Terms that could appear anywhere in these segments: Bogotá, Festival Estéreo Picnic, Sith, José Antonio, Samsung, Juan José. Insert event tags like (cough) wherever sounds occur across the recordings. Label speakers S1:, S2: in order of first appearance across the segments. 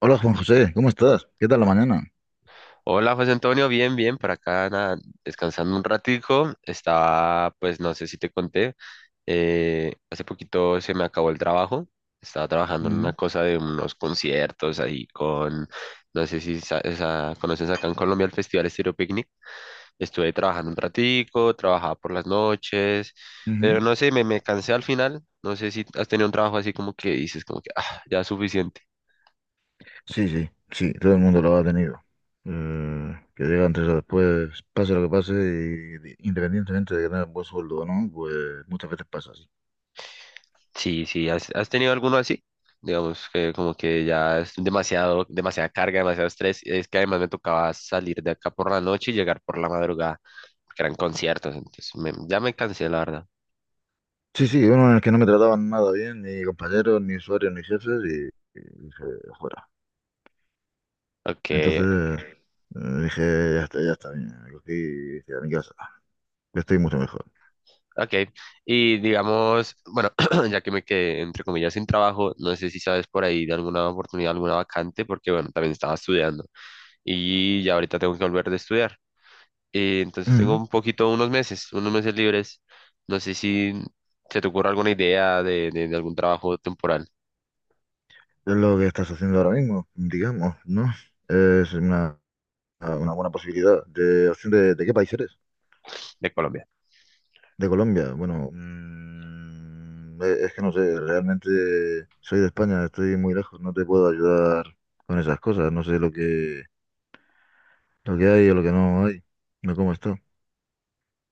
S1: Hola Juan José, ¿cómo estás? ¿Qué tal la mañana?
S2: Hola José Antonio, bien, bien, por acá nada, descansando un ratico, estaba, pues no sé si te conté, hace poquito se me acabó el trabajo, estaba trabajando en una
S1: Ujú,
S2: cosa de unos conciertos ahí con, no sé si conoces acá en Colombia el Festival Estéreo Picnic, estuve trabajando un ratico, trabajaba por las noches, pero
S1: ujú.
S2: no sé, me cansé al final, no sé si has tenido un trabajo así como que dices, como que, ah, ya es suficiente.
S1: Sí, sí, sí, todo el mundo lo ha tenido. Que llega antes o después, pase lo que pase, y independientemente de que tengas buen sueldo o no, pues muchas veces pasa así.
S2: Sí, sí, ¿has tenido alguno así? Digamos que como que ya es demasiado, demasiada carga, demasiado estrés. Es que además me tocaba salir de acá por la noche y llegar por la madrugada, porque eran conciertos, entonces ya me cansé, la verdad.
S1: Sí, sí, uno en el que no me trataban nada bien, ni compañeros, ni usuarios, ni jefes, y dije, fuera.
S2: Ok,
S1: Entonces dije, ya está bien, me cogí y dije, a mi casa, que estoy mucho mejor.
S2: ok, y digamos, bueno, (clears throat) ya que me quedé entre comillas sin trabajo, no sé si sabes por ahí de alguna oportunidad, alguna vacante, porque bueno, también estaba estudiando y ya ahorita tengo que volver de estudiar. Entonces tengo
S1: Ujú.
S2: un poquito, unos meses libres. No sé si se te ocurre alguna idea de algún trabajo temporal
S1: Es lo que estás haciendo ahora mismo, digamos, ¿no? Es una... Ah, una buena posibilidad. De, opción ¿de qué país eres?
S2: de Colombia.
S1: De Colombia. Bueno, es que no sé, realmente soy de España, estoy muy lejos, no te puedo ayudar con esas cosas, no sé lo que hay o lo que no hay, no cómo está.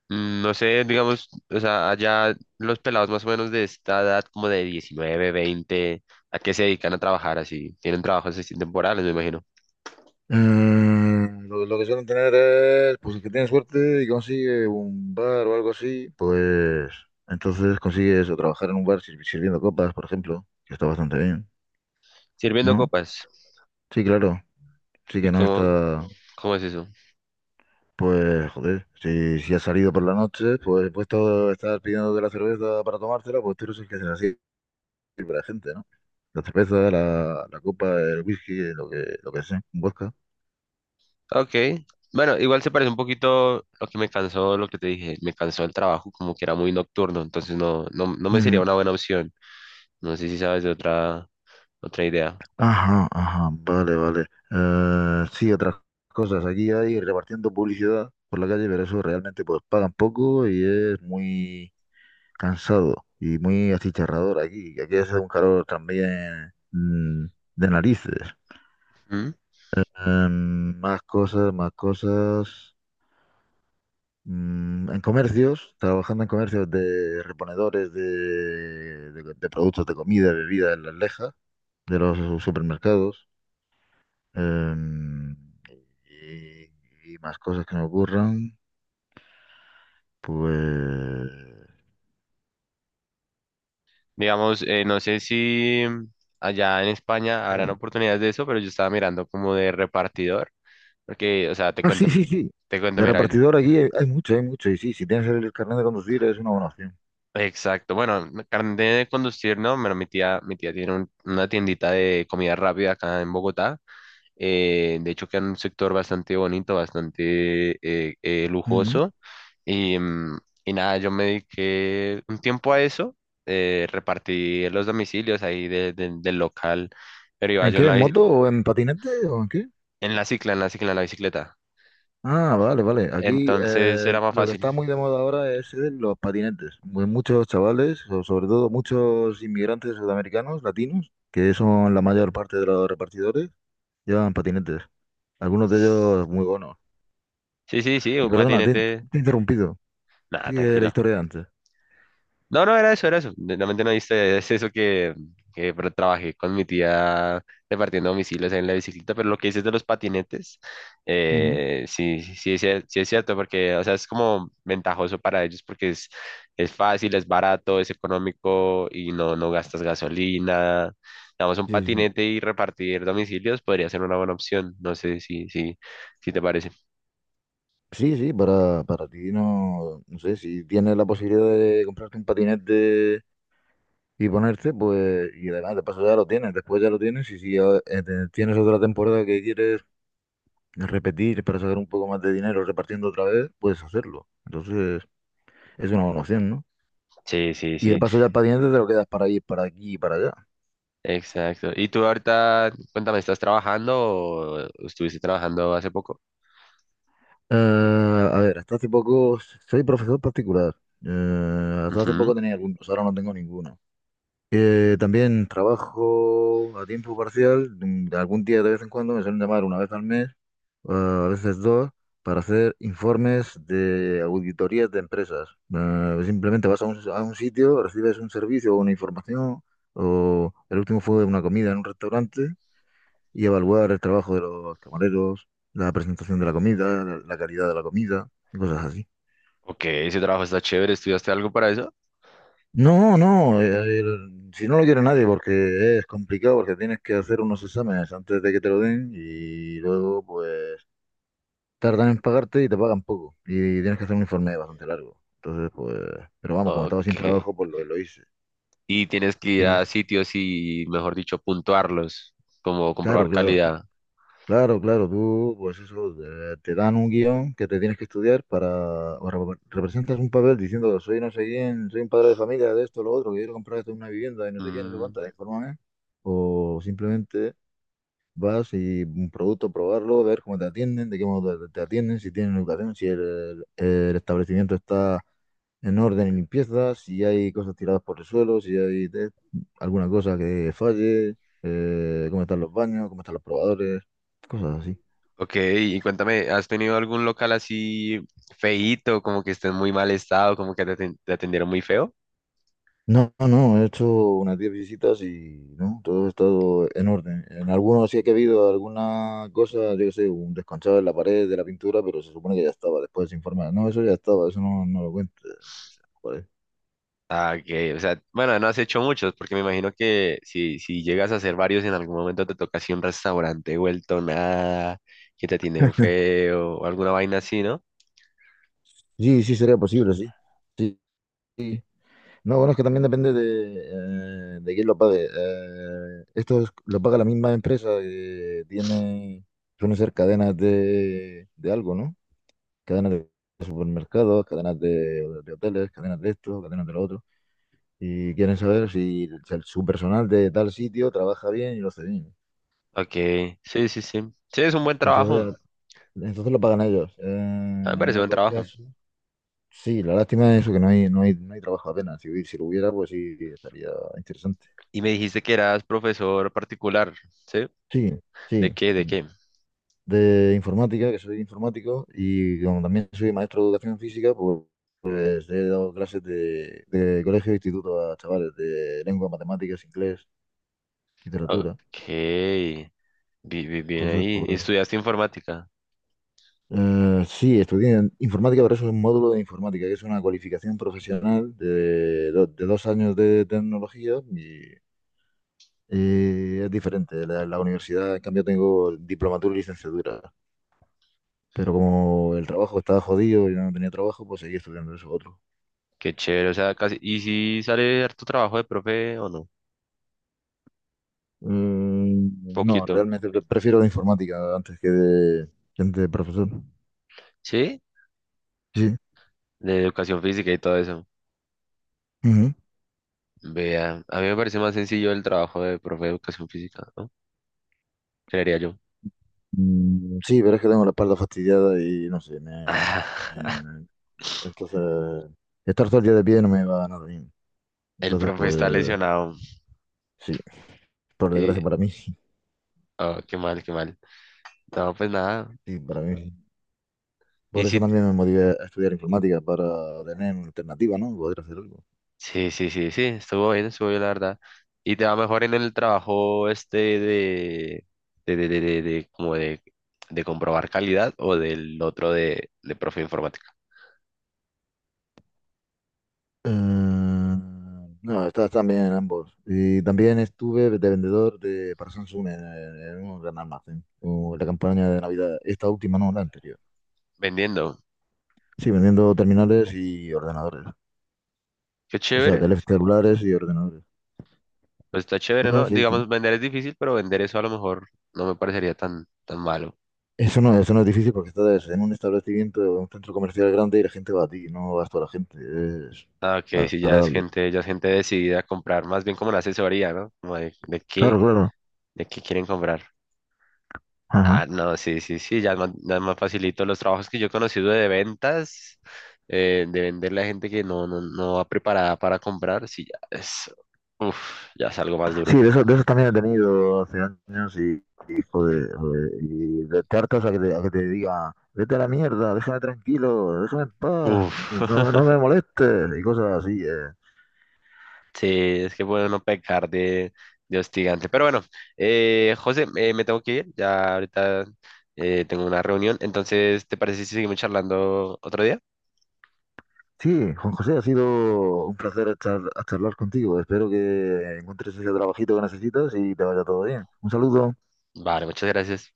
S2: Mm, no sé, digamos, o sea, allá los pelados más o menos de esta edad, como de 19 20, ¿a qué se dedican a trabajar así? Tienen trabajos así temporales, me imagino.
S1: Eh, lo que suelen tener es, pues el que tiene suerte y consigue un bar o algo así, pues entonces consigue eso, trabajar en un bar sirviendo copas, por ejemplo, que está bastante bien,
S2: Sirviendo
S1: ¿no?
S2: copas.
S1: Sí, claro, sí
S2: ¿Y
S1: que no
S2: cómo,
S1: está.
S2: cómo es eso?
S1: Pues, joder, si has salido por la noche, pues puesto a estar pidiendo de la cerveza para tomártela, pues tú eres el que se la sirve a la gente, ¿no? La cerveza, la copa, el whisky, lo que sea, un vodka.
S2: Ok. Bueno, igual se parece un poquito lo que me cansó, lo que te dije, me cansó el trabajo, como que era muy nocturno, entonces no me sería
S1: Ujú.
S2: una buena opción. No sé si sabes de otra idea.
S1: Ajá, ajá, vale, vale. Sí, otras cosas. Aquí hay repartiendo publicidad por la calle, pero eso realmente pues pagan poco y es muy cansado y muy achicharrador aquí. Aquí hace un calor también, de narices.
S2: ¿Mm?
S1: Más cosas, más cosas. Mm, en comercios, trabajando en comercios de reponedores de, de productos de comida, bebida en las lejas de los supermercados. Em, y, y más cosas que me ocurran, pues...
S2: Digamos, no sé si allá en España habrán
S1: bien. (laughs)
S2: oportunidades de eso, pero yo estaba mirando como de repartidor, porque, o sea, te
S1: Ah, sí,
S2: cuento,
S1: sí, sí.
S2: te cuento,
S1: De
S2: mira,
S1: repartidor aquí hay, hay mucho, hay mucho. Y sí, si tienes el carnet de conducir es una buena opción.
S2: exacto, bueno, carnet de conducir, ¿no? Pero mi tía tiene una tiendita de comida rápida acá en Bogotá. De hecho, queda en un sector bastante bonito, bastante
S1: Ujú.
S2: lujoso. Y, mm, y nada, yo me dediqué un tiempo a eso. Repartí los domicilios ahí del local, pero iba
S1: ¿En
S2: yo
S1: qué? ¿En moto o en patinete o en qué?
S2: en la cicla, en la bicicleta.
S1: Ah, vale, vale. Aquí
S2: Entonces era más
S1: lo que
S2: fácil.
S1: está muy de moda ahora es, los patinetes. Muchos chavales, o sobre todo muchos inmigrantes sudamericanos, latinos, que son la mayor parte de los repartidores, llevan patinetes. Algunos de ellos muy buenos.
S2: Sí, sí, sí,
S1: Y
S2: un
S1: perdona, te,
S2: patinete.
S1: te he interrumpido.
S2: Nada,
S1: Sigue la
S2: tranquilo.
S1: historia de antes.
S2: No, no, era eso, era eso. Realmente no viste, es eso que, trabajé con mi tía repartiendo domicilios en la bicicleta, pero lo que dices de los patinetes,
S1: Ujú.
S2: sí, sí, sí es cierto, porque, o sea, es como ventajoso para ellos porque es fácil, es barato, es económico y no gastas gasolina. Damos un
S1: Sí, sí.
S2: patinete y repartir domicilios podría ser una buena opción, no sé si te parece.
S1: Sí, sí, para ti no, no sé, si tienes la posibilidad de comprarte un patinete y ponerte, pues, y además de paso ya lo tienes, después ya lo tienes, y si tienes otra temporada que quieres repetir para sacar un poco más de dinero repartiendo otra vez, puedes hacerlo. Entonces, es una buena opción, ¿no?
S2: Sí, sí,
S1: Y de
S2: sí,
S1: paso ya el patinete te lo quedas para ir para aquí y para allá.
S2: exacto. ¿Y tú ahorita, cuéntame, estás trabajando o estuviste trabajando hace poco?
S1: A ver, hasta hace poco soy profesor particular. Hasta hace
S2: Ujú.
S1: poco tenía algunos, ahora no tengo ninguno. También trabajo a tiempo parcial. Algún día de vez en cuando me suelen llamar una vez al mes, a veces dos, para hacer informes de auditorías de empresas. Simplemente vas a un sitio, recibes un servicio o una información, o el último fue una comida en un restaurante, y evaluar el trabajo de los camareros, la presentación de la comida, la calidad de la comida, y cosas así.
S2: Ok, ese trabajo está chévere. ¿Estudiaste algo para eso?
S1: No, no, si no lo quiere nadie porque es complicado, porque tienes que hacer unos exámenes antes de que te lo den y luego pues tardan en pagarte y te pagan poco. Y tienes que hacer un informe bastante largo. Entonces, pues, pero vamos, como estaba
S2: Ok.
S1: sin trabajo, pues lo hice.
S2: Y tienes que ir
S1: Y
S2: a sitios y, mejor dicho, puntuarlos, como
S1: claro,
S2: comprobar
S1: claro,
S2: calidad.
S1: claro, claro, tú, pues eso, te dan un guión que te tienes que estudiar para, o representas un papel diciendo, soy no sé quién, soy un padre de familia, de esto, lo otro, que quiero comprar esto, una vivienda y no sé qué, no sé
S2: Mm,
S1: cuánta, infórmame. O simplemente vas y un producto, probarlo, ver cómo te atienden, de qué modo te atienden, si tienen educación, si el establecimiento está en orden y limpieza, si hay cosas tiradas por el suelo, si hay alguna cosa que falle, cómo están los baños, cómo están los probadores, cosas así.
S2: ok, y cuéntame, ¿has tenido algún local así feíto, como que esté en muy mal estado, como que te atendieron muy feo?
S1: No, no, no, he hecho unas 10 visitas y no, todo ha estado en orden. En algunos sí que ha habido alguna cosa, yo qué sé, un desconchado en la pared de la pintura, pero se supone que ya estaba después se informa. No, eso ya estaba, eso no, no lo cuento. Joder.
S2: Ah, ok, o sea, bueno, no has hecho muchos, porque me imagino que si llegas a hacer varios, en algún momento te toca así un restaurante vuelto nada, que te atienden feo, o alguna vaina así, ¿no?
S1: Sí, sí, sería posible, sí. Sí, no, bueno, es que también depende de quién lo pague. Lo paga la misma empresa que tiene, suelen ser cadenas de algo, ¿no? Cadenas de supermercados, cadenas de hoteles, cadenas de esto, cadenas de lo otro. Y quieren saber si, su personal de tal sitio trabaja bien y lo hace bien.
S2: Ok, sí, sí, sí. Sí, es un buen trabajo, a
S1: Entonces, entonces lo pagan ellos.
S2: mí me
S1: En
S2: parece buen
S1: otros
S2: trabajo.
S1: casos, sí, la lástima es eso, que no hay, no hay, no hay trabajo apenas. Si, si lo hubiera, pues sí, estaría interesante.
S2: Y me dijiste que eras profesor particular, ¿sí?
S1: Sí,
S2: ¿De
S1: sí.
S2: qué, de qué?
S1: De informática, que soy informático, y como también soy maestro de educación física, pues, pues he dado clases de colegio e instituto a chavales de lengua, matemáticas, inglés, literatura.
S2: Ok, bien
S1: Entonces,
S2: ahí. ¿Y
S1: pues
S2: estudiaste informática?
S1: sí, estudié en informática, pero eso es un módulo de informática, que es una cualificación profesional de, de 2 años de tecnología y es diferente. La universidad, en cambio, tengo diplomatura y licenciatura. Pero como el trabajo estaba jodido y no tenía trabajo, pues seguí estudiando eso otro.
S2: Qué chévere, o sea, casi. ¿Y si sale tu trabajo de profe o no?
S1: Mm, no,
S2: Poquito.
S1: realmente prefiero la informática antes que de profesor.
S2: ¿Sí?
S1: Sí.
S2: De educación física y todo eso.
S1: Ujú.
S2: Vea, a mí me parece más sencillo el trabajo de profe de educación física, ¿no? Creería yo.
S1: Mm, sí, pero es que tengo la espalda fastidiada y no sé, me,
S2: (laughs)
S1: me- entonces estar todo el día de pie no me va a nada bien.
S2: El
S1: Entonces,
S2: profe está
S1: pues
S2: lesionado.
S1: sí, por desgracia
S2: Y,
S1: para mí, (laughs)
S2: oh, qué mal, qué mal. No, pues nada.
S1: sí, para mí. Sí.
S2: Y
S1: Por eso
S2: sí,
S1: también me motivé a estudiar informática, para tener una alternativa, ¿no? Poder hacer algo.
S2: sí, sí, sí, sí, estuvo bien, la verdad. Y te va mejor en el trabajo este como de comprobar calidad o del otro de profe de informática.
S1: Eh, no, estas también en ambos. Y también estuve de vendedor de, para Samsung en un gran almacén, o la campaña de Navidad, esta última, no, la anterior.
S2: Vendiendo.
S1: Sí, vendiendo terminales y ordenadores.
S2: Qué
S1: O sea,
S2: chévere.
S1: teléfonos celulares y ordenadores.
S2: Pues está chévere,
S1: Bueno,
S2: ¿no?
S1: sí, sí.
S2: Digamos, vender es difícil, pero vender eso a lo mejor no me parecería tan, tan malo.
S1: Eso no es difícil porque estás en un establecimiento, en un centro comercial grande y la gente va a ti, no vas tú a la gente. Es
S2: Ah, ok, sí,
S1: agradable.
S2: ya es gente decidida a comprar, más bien como una asesoría, ¿no? Como de qué,
S1: Claro, claro.
S2: quieren comprar.
S1: Ajá.
S2: Ah, no, sí, sí, sí, ya es más facilito. Los trabajos que yo he conocido de ventas, de venderle a gente que no va preparada para comprar, sí, ya es, uf, ya es algo más
S1: Sí,
S2: duro.
S1: de esos también he tenido hace años y, joder, joder, y de te hartas a que te diga, vete a la mierda, déjame tranquilo, déjame en paz,
S2: Uf,
S1: no, no
S2: (laughs)
S1: me molestes y cosas así.
S2: sí, es que puede uno pecar de hostigante. Pero bueno, José, me tengo que ir, ya ahorita tengo una reunión, entonces, ¿te parece si seguimos charlando otro día?
S1: Sí, Juan José, ha sido un placer a charlar contigo. Espero que encuentres ese trabajito que necesitas y te vaya todo bien. Un saludo.
S2: Vale, muchas gracias.